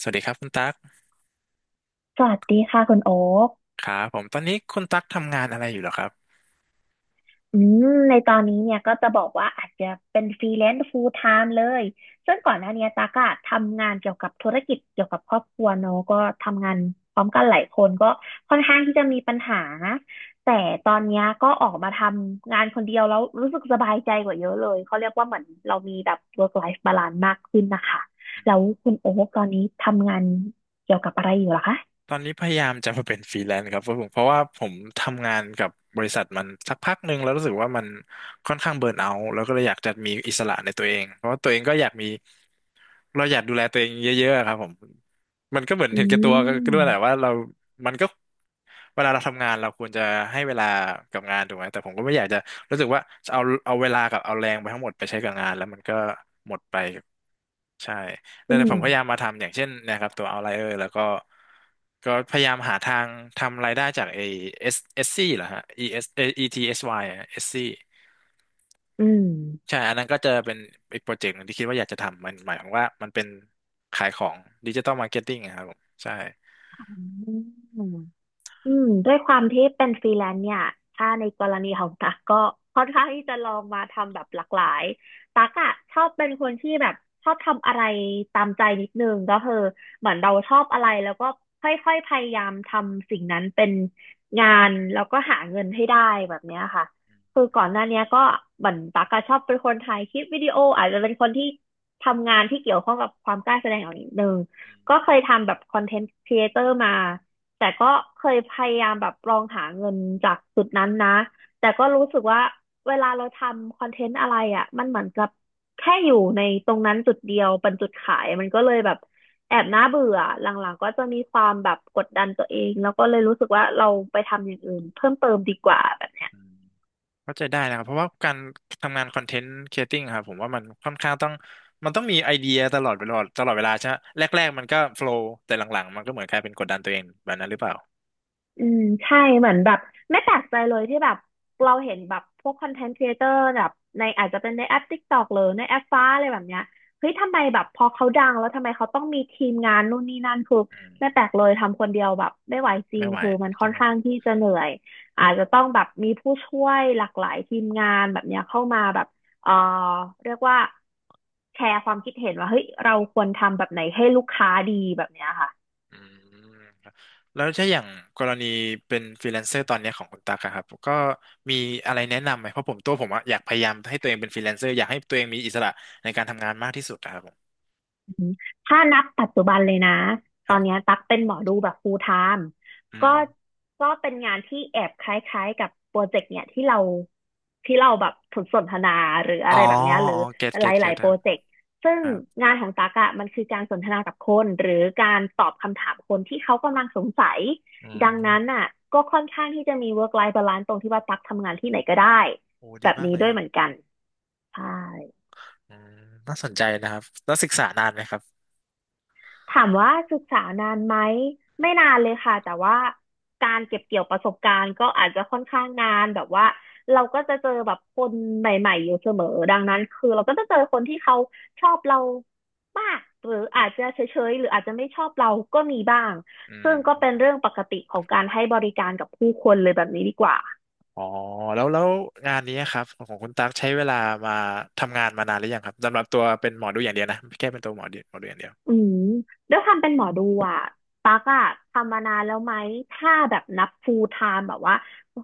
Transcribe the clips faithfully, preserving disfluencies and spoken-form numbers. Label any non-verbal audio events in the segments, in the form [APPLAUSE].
สวัสดีครับคุณตั๊กสวัสดีค่ะคุณโอ๊คครับผมตอนนี้คุณตั๊กทำงานอะไรอยู่เหรอครับอืมในตอนนี้เนี่ยก็จะบอกว่าอาจจะเป็นฟรีแลนซ์ full time เลยซึ่งก่อนหน้านี้ตากอะทำงานเกี่ยวกับธุรกิจเกี่ยวกับครอบครัวเนอะก็ทำงานพร้อมกันหลายคนก็ค่อนข้างที่จะมีปัญหา แต่ตอนเนี้ยก็ออกมาทำงานคนเดียวแล้วรู้สึกสบายใจกว่าเยอะเลย เขาเรียกว่าเหมือนเรามีแบบ work life balance มากขึ้นนะคะ แล้วคุณโอ๊คตอนนี้ทำงานเกี่ยวกับอะไรอยู่เหรอคะตอนนี้พยายามจะมาเป็นฟรีแลนซ์ครับเพราะผมเพราะว่าผมทำงานกับบริษัทมันสักพักหนึ่งแล้วรู้สึกว่ามันค่อนข้างเบิร์นเอาท์แล้วก็เลยอยากจะมีอิสระในตัวเองเพราะว่าตัวเองก็อยากมี เราอยากดูแลตัวเองเยอะๆครับผม มันก็เหมือนอืเห็นแก่ตัวก็มด้วยแหละว่าเรามันก็เวลาเราทำงานเราควรจะให้เวลากับงานถูกไหม แต่ผมก็ไม่อยากจะรู้สึกว่าจะเอาเอาเวลากับเอาแรงไปทั้งหมดไปใช้กับงานแล้วมันก็หมดไปกับใช่แล้อืวเนี่ยผมพยายามมมาทำอย่างเช่นเนะครับตัว Outlier แล้วก็ก็พยายามหาทางทำรายได้จากไอ้ S S C เอสซีเหรอฮะ E S เอสเอ E T S Y อสวายอะเอสซี อืม ใช่ อันนั้นก็จะเป็นอีกโปรเจกต์หนึ่งที่คิดว่าอยากจะทำมันหมายความว่ามันเป็นขายของดิจิตอลมาร์เก็ตติ้งครับผมใช่อืม อืมด้วยความที่เป็นฟรีแลนซ์เนี่ยถ้าในกรณีของตั๊กก็ค่อนข้างที่จะลองมาทำแบบหลากหลายตั๊กอะชอบเป็นคนที่แบบชอบทำอะไรตามใจนิดนึงก็คือเหมือนเราชอบอะไรแล้วก็ค่อยๆพยายามทำสิ่งนั้นเป็นงานแล้วก็หาเงินให้ได้แบบเนี้ยค่ะอืคือมก่อนหน้าเนี้ยก็เหมือนตั๊กอะชอบเป็นคนถ่ายคลิปวิดีโออาจจะเป็นคนที่ทำงานที่เกี่ยวข้องกับความกล้าแสดงออกนิดนึงอืมก็เคยทำแบบคอนเทนต์ครีเอเตอร์มา แต่ก็เคยพยายามแบบลองหาเงินจากจุดนั้นนะแต่ก็รู้สึกว่าเวลาเราทำคอนเทนต์อะไรอ่ะมันเหมือนกับแค่อยู่ในตรงนั้นจุดเดียวเป็นจุดขายมันก็เลยแบบแอบน่าเบื่อหลังๆก็จะมีความแบบกดดันตัวเองแล้วก็เลยรู้สึกว่าเราไปทำอย่างอื่นเพิ่มเติมดีกว่า เข้าใจได้นะครับเพราะว่าการทำงานคอนเทนต์ครีเอติ้งครับผมว่ามันค่อนข้างต้องมันต้องมีไอเดียตลอดเวลาตลอดเวลาใช่ไหมแรกๆมันก็โฟล w แต่หลังๆมันก็เหมือนกลายเป็นกดดันตัวเองแบบนั้นหรือเปล่าอืมใช่เหมือนแบบไม่แปลกใจเลยที่แบบเราเห็นแบบพวกคอนเทนต์ครีเอเตอร์แบบในอาจจะเป็นในแอป TikTok หรือในแอปฟ้าอะไรแบบเนี้ยเฮ้ยทำไมแบบพอเขาดังแล้วทำไมเขาต้องมีทีมงานนู่นนี่นั่นคืออืไม่แปมลกเลยทำคนเดียวแบบไม่ไหวจริไม่งไหวคือมันค่อใช่ นข้างที่จะเหนื่อยอาจจะต้องแบบมีผู้ช่วยหลากหลายทีมงานแบบเนี้ยเข้ามาแบบเอ่อเรียกว่าแชร์ความคิดเห็นว่าเฮ้ยเราควรทำแบบไหนให้ลูกค้าดีแบบเนี้ยค่ะ อืมครับแล้วถ้าอย่างกรณีเป็นฟรีแลนเซอร์ตอนเนี้ยของคุณตั๊กอะครับก็มีอะไรแนะนำไหมเพราะผมตัวผมอะอยากพยายามให้ตัวเองเป็นฟรีแลนเซอร์อยากให้ตัวเองมีอิสระในการทำงานมากที่สุดอะครับผมอืมถ้านับปัจจุบันเลยนะตคอรันเนี้บยตักเป็นหมอดูแบบ full time อืก็มก็เป็นงานที่แอบคล้ายๆกับโปรเจกต์เนี่ยที่เราที่เราแบบสนทนาหรืออ๋อะอไรแบบเนี้ยหรืออ๋อเก็ตหลเก็ตเก็าตยๆคโปรรับเจกต์ซึ่งครับงานของตักอะมันคือการสนทนากับคนหรือการตอบคำถามคนที่เขากำลังสงสัยอืดังนั้นมอ่ะก็ค่อนข้างที่จะมี work life balance ตรงที่ว่าตักทำงานที่ไหนก็ได้โอ้แบดีบมากนี้เลยด้วคยรับเหมือนกันใช่ อืมน่าสนใจนะครับแล้วศึกษานานไหมครับถามว่าศึกษานานไหมไม่นานเลยค่ะแต่ว่าการเก็บเกี่ยวประสบการณ์ก็อาจจะค่อนข้างนานแบบว่าเราก็จะเจอแบบคนใหม่ๆอยู่เสมอดังนั้นคือเราก็จะเจอคนที่เขาชอบเรามากหรืออาจจะเฉยๆหรืออาจจะไม่ชอบเราก็มีบ้างอืซึ่งก็มเป็นเรื่องปกติของการให้บริการกับผู้คนเลยแบบนี้ดีกว่า อ๋อแล้วแล้วงานนี้ครับของคุณตั๊กใช้เวลามาทำงานมานานหรือยังครับสำหรับตัวเป็นหมอดูอย่างเดียวนะแค่เป็นตัวหมอดูหมอดูอย่างเดียว อืมด้วยความเป็นหมอดูอ่ะตั๊กอ่ะทำมานานแล้วไหมถ้าแบบนับ full time แบบว่า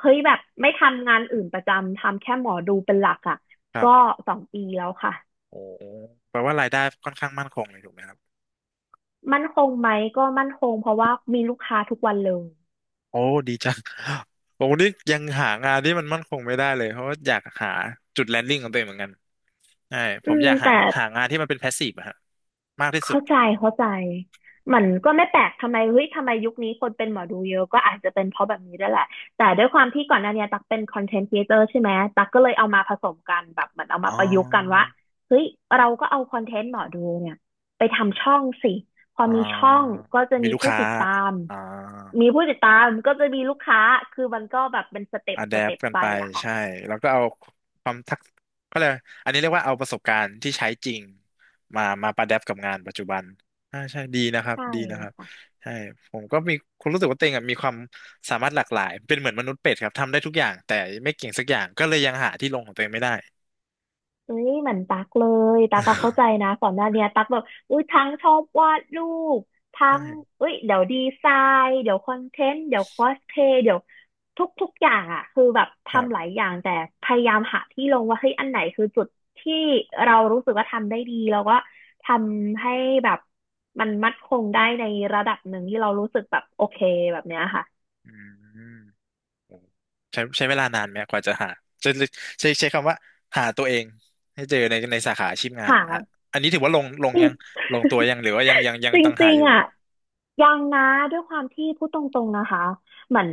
เฮ้ยแบบไม่ทำงานอื่นประจำทำแค่หมอดูเป็นหลักอ่ะก็สองปีแล้วค่ะโอ้แปลว่ารายได้ค่อนข้างมั่นคงเลยถูกไหมครับ มั่นคงไหมก็มั่นคงเพราะว่ามีลูกค้าทุกวันเลยโอ้ดีจัง [LAUGHS] โอ้นี่ยังหางานที่มันมั่นคงไม่ได้เลยเพราะว่าอยากหาจุดแลนดิ้งของตัวเองเหมือนกันใช่ผอืมอมยากหาแต่ หางานที่มันเป็นแพสซีฟอะฮะมากที่สุด เข้าใจเข้าใจ มันก็ไม่แปลกทำไมเฮ้ยทำไมยุคนี้คนเป็นหมอดูเยอะก็อาจจะเป็นเพราะแบบนี้ด้วยแหละแต่ด้วยความที่ก่อนหน้าเนี้ยตักเป็นคอนเทนต์ครีเอเตอร์ใช่ไหมตักก็เลยเอามาผสมกันแบบเหมือนเอามาอ๋อ ประยุกต์กันว่าเฮ้ยเราก็เอาคอนเทนต์หมอดูเนี่ยไปทำช่องสิพออ๋อ มีช่องก็จะมีมีลูกผู้ค้า ติดตามอ๋อ มีผู้ติดตามก็จะมีลูกค้าคือมันก็แบบเป็นสเต็ปอะแดสปเต็ปกันไปไปอะค่ะใช่แล้วก็เอาความทักก็เลยกอันนี้เรียกว่าเอาประสบการณ์ที่ใช้จริงมามาประแดปกับงานปัจจุบันอ่าใช่ดีนะครับใช่ดีนะครับค่ะ ใช่ผมก็มีคุณรู้สึกว่าตัวเองอะมีความสามารถหลากหลายเป็นเหมือนมนุษย์เป็ดครับทำได้ทุกอย่างแต่ไม่เก่งสักอย่างก็เลยยังหาที่ลงของตัวเองไม่ได้ เอ้ยเหมือนตักเลยตักก็เข้าใจ [LAUGHS] นะก่อนหน้าเนี้ยตักแบบอุ้ยทั้งชอบวาดรูปทั้งใช่เอุ้ยเดี๋ยวดีไซน์เดี๋ยวคอนเทนต์เดี๋ยวคอสเพย์เดี๋ยวทุกทุกอย่างอ่ะคือแบบครัทำหลายบอย่างแต่พยายามหาที่ลงว่าเฮ้ยอันไหนคือจุดที่เรารู้สึกว่าทำได้ดีแล้วก็ทำให้แบบมันมั่นคงได้ในระดับหนึ่งที่เรารู้สึกแบบโอเคแบบเนี้ยค่ะอืม ใช้ใช้เวลานานไหมกว่าจะหาจะใช้ใช้คำว่าหาตัวเองให้เจอในในสาขาอาชีพงาคนอ่ะ่ะอันนี้ถือว่าลงลงจริง ยังลงตัวยังหรือว่ายังยังยั [LAUGHS] งจต้องหาริงอยู่ๆอ่ะ ยังนะด้วยความที่พูดตรงๆนะคะเหมือน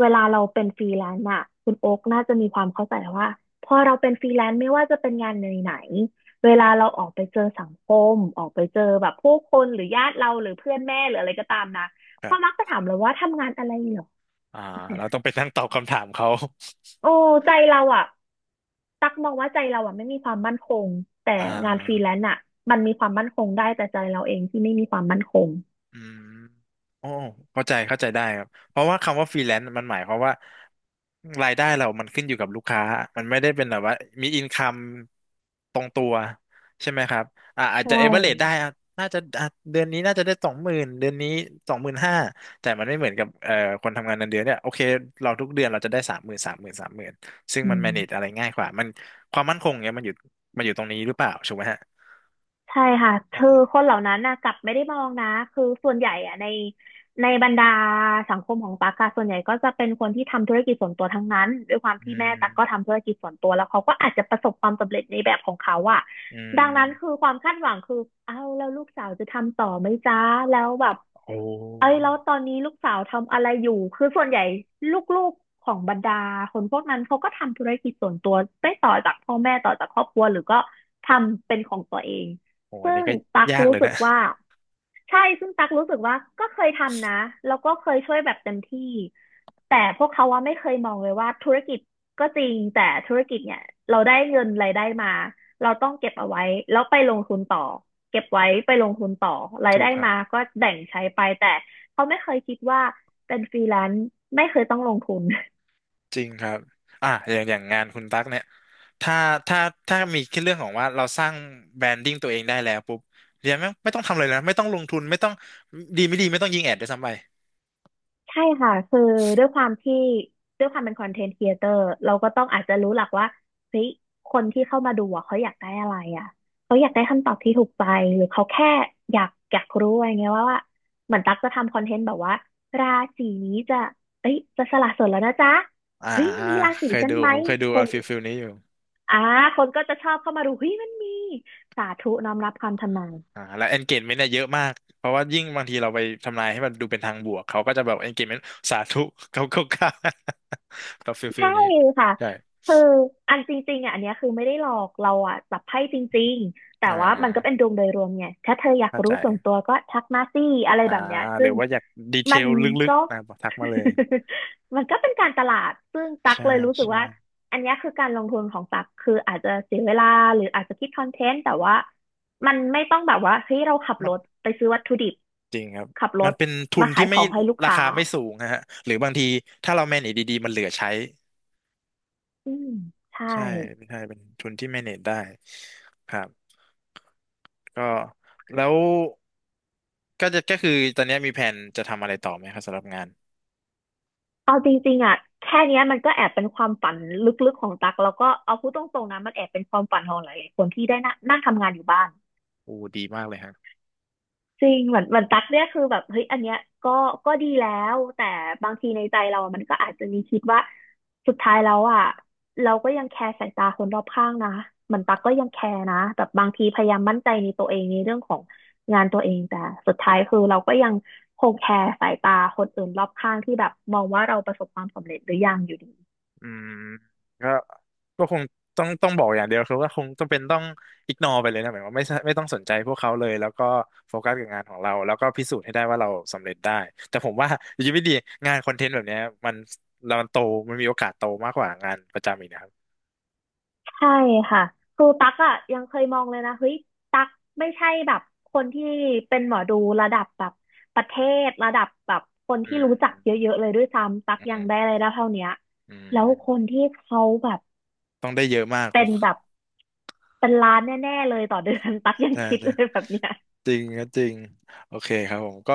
เวลาเราเป็นฟรีแลนซ์อะคุณโอ๊กน่าจะมีความเข้าใจว่าพอเราเป็นฟรีแลนซ์ไม่ว่าจะเป็นงานไหนๆเวลาเราออกไปเจอสังคมออกไปเจอแบบผู้คนหรือญาติเราหรือเพื่อนแม่หรืออะไรก็ตามนะครัเขามักบจะถามเราว่าทำงานอะไรเหรออ่าเนี่เรายต้องไปนั่งตอบคำถามเขา โอ้ใจเราอะตักมองว่าใจเราอะไม่มีความมั่นคงแต่ [LAUGHS] อ่า งานฟรีแลนซ์อะมันมีความมั่นคงได้แต่ใจเราเองที่ไม่มีความมั่นคงอืมโอ้เข้าใจเข้าใจได้ครับเพราะว่าคำว่าฟรีแลนซ์มันหมายความว่ารายได้เรามันขึ้นอยู่กับลูกค้ามันไม่ได้เป็นแบบว่ามีอินคัมตรงตัวใช่ไหมครับอ่าอาจใชจะเอเวอเรจได้่อ่ะน่าจะอ่ะเดือนนี้น่าจะได้สองหมื่นเดือนนี้สองหมื่นห้าแต่มันไม่เหมือนกับเอ่อคนทำงานเงินเดือนเนี่ยโอเคเราทุกเดือนเราจะได้สามหมื่นสามหมื่นสามหมื่นซึ่งอืมัน ม manage อะไรง่ายกว่ามันความมั่นคงเนี่ยมันอยู่มันอยู่ตรงนี้หรือเปล่าถูกไหมฮะใช่ค่ะคือคนเหล่านั้นนะกลับไม่ได้มองนะคือส่วนใหญ่อะในในบรรดาสังคมของตั๊กอะส่วนใหญ่ก็จะเป็นคนที่ทำธุรกิจส่วนตัวทั้งนั้นด้วยความที่อืแม่มตั๊กก็ทำธุรกิจส่วนตัวแล้วเขาก็อาจจะประสบความสำเร็จในแบบของเขาอะอืดังนั้นคือมความคาดหวังคือเอาแล้วลูกสาวจะทำต่อไหมจ๊ะแล้วแบบ โอ้ เอ้ยแล้วตอนนี้ลูกสาวทำอะไรอยู่ คือส่วนใหญ่ลูกๆของบรรดาคนพวกนั้นเขาก็ทำธุรกิจส่วนตัวได้ต่อจากพ่อแม่ต่อจากครอบครัวหรือก็ทำเป็นของตัวเอง โหอัซึ่นนี้งก็ตักยากรู้เลยสึนะ กว่า ใช่ซึ่งตักรู้สึกว่าก็เคยทำนะแล้วก็เคยช่วยแบบเต็มที่แต่พวกเขาว่าไม่เคยมองเลยว่าธุรกิจก็จริงแต่ธุรกิจเนี่ยเราได้เงินรายได้มาเราต้องเก็บเอาไว้แล้วไปลงทุนต่อเก็บไว้ไปลงทุนต่อ [LAUGHS] รายถูได้กครัมาบก็แบ่งใช้ไปแต่เขาไม่เคยคิดว่าเป็นฟรีแลนซ์ไม่เคยต้องลงทุน จริงครับอ่ะอย่างอย่างงานคุณตั๊กเนี่ยถ้าถ้าถ้ามีแค่เรื่องของว่าเราสร้างแบรนดิ้งตัวเองได้แล้วปุ๊บเรียนไม่งไม่ต้องทำอะไรเลยนะไม่ต้องลงทุนไม่ต้องดีไม่ดีไม่ต้องยิงแอดด้วยซ้ำไปใช่ค่ะคือด้วยความที่ด้วยความเป็นคอนเทนต์ครีเอเตอร์เราก็ต้องอาจจะรู้หลักว่าเฮ้ยคนที่เข้ามาดูอะเขาอยากได้อะไรอ่ะเขาอยากได้คำตอบที่ถูกใจหรือเขาแค่อยากอยากรู้อะไรเงี้ยว่าว่าเหมือนตั๊กจะทำคอนเทนต์แบบว่าราศีนี้จะเอ้ยจะสละโสดแล้วนะจ๊ะอ่าเฮ้ยอ่ามีราศีเคยฉันดูไหมครับเคยดูคเอานฟิลฟิลนี้อยู่อ่าคนก็จะชอบเข้ามาดูเฮ้ยมันมีสาธุน้อมรับคำทำนาย อ่าแล้ว engagement เนี่ยเยอะมากเพราะว่ายิ่งบางทีเราไปทำนายให้มันดูเป็นทางบวกเขาก็จะแบบ engagement สาธุ [LAUGHS] เขาเขา [LAUGHS] เขาแบบฟิลฟิลใช่นี้ค่ะใช่คืออันจริงๆอ่ะอันเนี้ยคือไม่ได้หลอกเราอ่ะจับไพ่จริงๆแต่อ่ว่ามันก็เป็นาดวงโดยรวมไงถ้าเธออยากเข้ารู้ใจ ส่วนตัวก็ทักมาสิอะไรอ่าแบบเนี้ยหซึ่รืองว่าอยากดีเทมันลลึกก็ ๆนะบอกทักมาเลย [LAUGHS] มันก็เป็นการตลาดซึ่งตักใช่เลยรู้สึกใช่ว่าอันเนี้ยคือการลงทุนของตักคืออาจจะเสียเวลาหรืออาจจะคิดคอนเทนต์แต่ว่ามันไม่ต้องแบบว่าเฮ้ยเราขับมัรนถไปซื้อวัตถุดิบจริงครับขับรมันถเป็นทุมานขาที่ยขไม่องให้ลูกราค้าคาไม่สูงนะฮะหรือบางทีถ้าเรา manage ดีๆมันเหลือใช้อืมใช่ ใช่ไม่ใช่เป็นทุนที่ manage ได้ครับก็แล้วก็จะก็คือตอนนี้มีแผนจะทำอะไรต่อไหมครับสำหรับงานเอาจริงๆอ่ะแค่เนี้ยมันก็แอบเป็นความฝันลึกๆของตักแล้วก็เอาพูดตรงๆนะมันแอบเป็นความฝันของหลายๆคนที่ได้นั่งนั่งทำงานอยู่บ้านโอ้ดีมากเลยฮะ จริงเหมือนเหมือนตักเนี่ยคือแบบเฮ้ยอันเนี้ยก็ก็ดีแล้วแต่บางทีในใจเราอะมันก็อาจจะมีคิดว่าสุดท้ายแล้วอ่ะเราก็ยังแคร์สายตาคนรอบข้างนะเหมือนตักก็ยังแคร์นะแบบบางทีพยายามมั่นใจในตัวเองในเรื่องของงานตัวเองแต่สุดท้ายคือเราก็ยังคงแคร์สายตาคนอื่นรอบข้างที่แบบมองว่าเราประสบความสำเร็จหรือยังอยู่ดี อืมก็ก็คงต้องต้องบอกอย่างเดียวคือว่าคงจำเป็นต้องอิกนอไปเลยนะหมายว่าไม่ใช่ไม่ต้องสนใจพวกเขาเลยแล้วก็โฟกัสกับงานของเราแล้วก็พิสูจน์ให้ได้ว่าเราสำเร็จได้แต่ผมว่าอยู่ดีไม่ดีงานคอนเทนต์แบบเนี้ยมันเรามันโตมันมีโอกาสโตมากกว่างานประจำอีกนะครับใช่ค่ะครูตั๊กอ่ะยังเคยมองเลยนะเฮ้ยตั๊กไม่ใช่แบบคนที่เป็นหมอดูระดับแบบประเทศระดับแบบคนอืที่รู้จักเยมอะๆเลยด้วยซ้ำตั๊กอืยังได้อะมไรได้เท่าเนี้ยอืแล้วคนมที่เขาแบบต้องได้เยอะมากคเป็งนแบบเป็นล้านแน่ๆเลยต่อเดือน [LAUGHS] ตั๊กยังใช่คิดใช่เลยแบบเนี้ยจริงก็จริงโอเคครับผมก็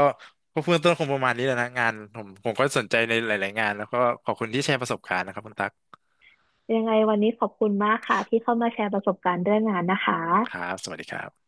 ก็เบื้องต้นคงประมาณนี้แหล้วนะงานผมผมก็สนใจในหลายๆงานแล้วก็ขอบคุณที่แชร์ประสบการณ์นะครับคุณตั๊ก ยังไงวันนี้ขอบคุณมากค่ะที่เข้ามาแชร์ประสบการณ์เรื่องงานนะคะครับสวัสดีครับ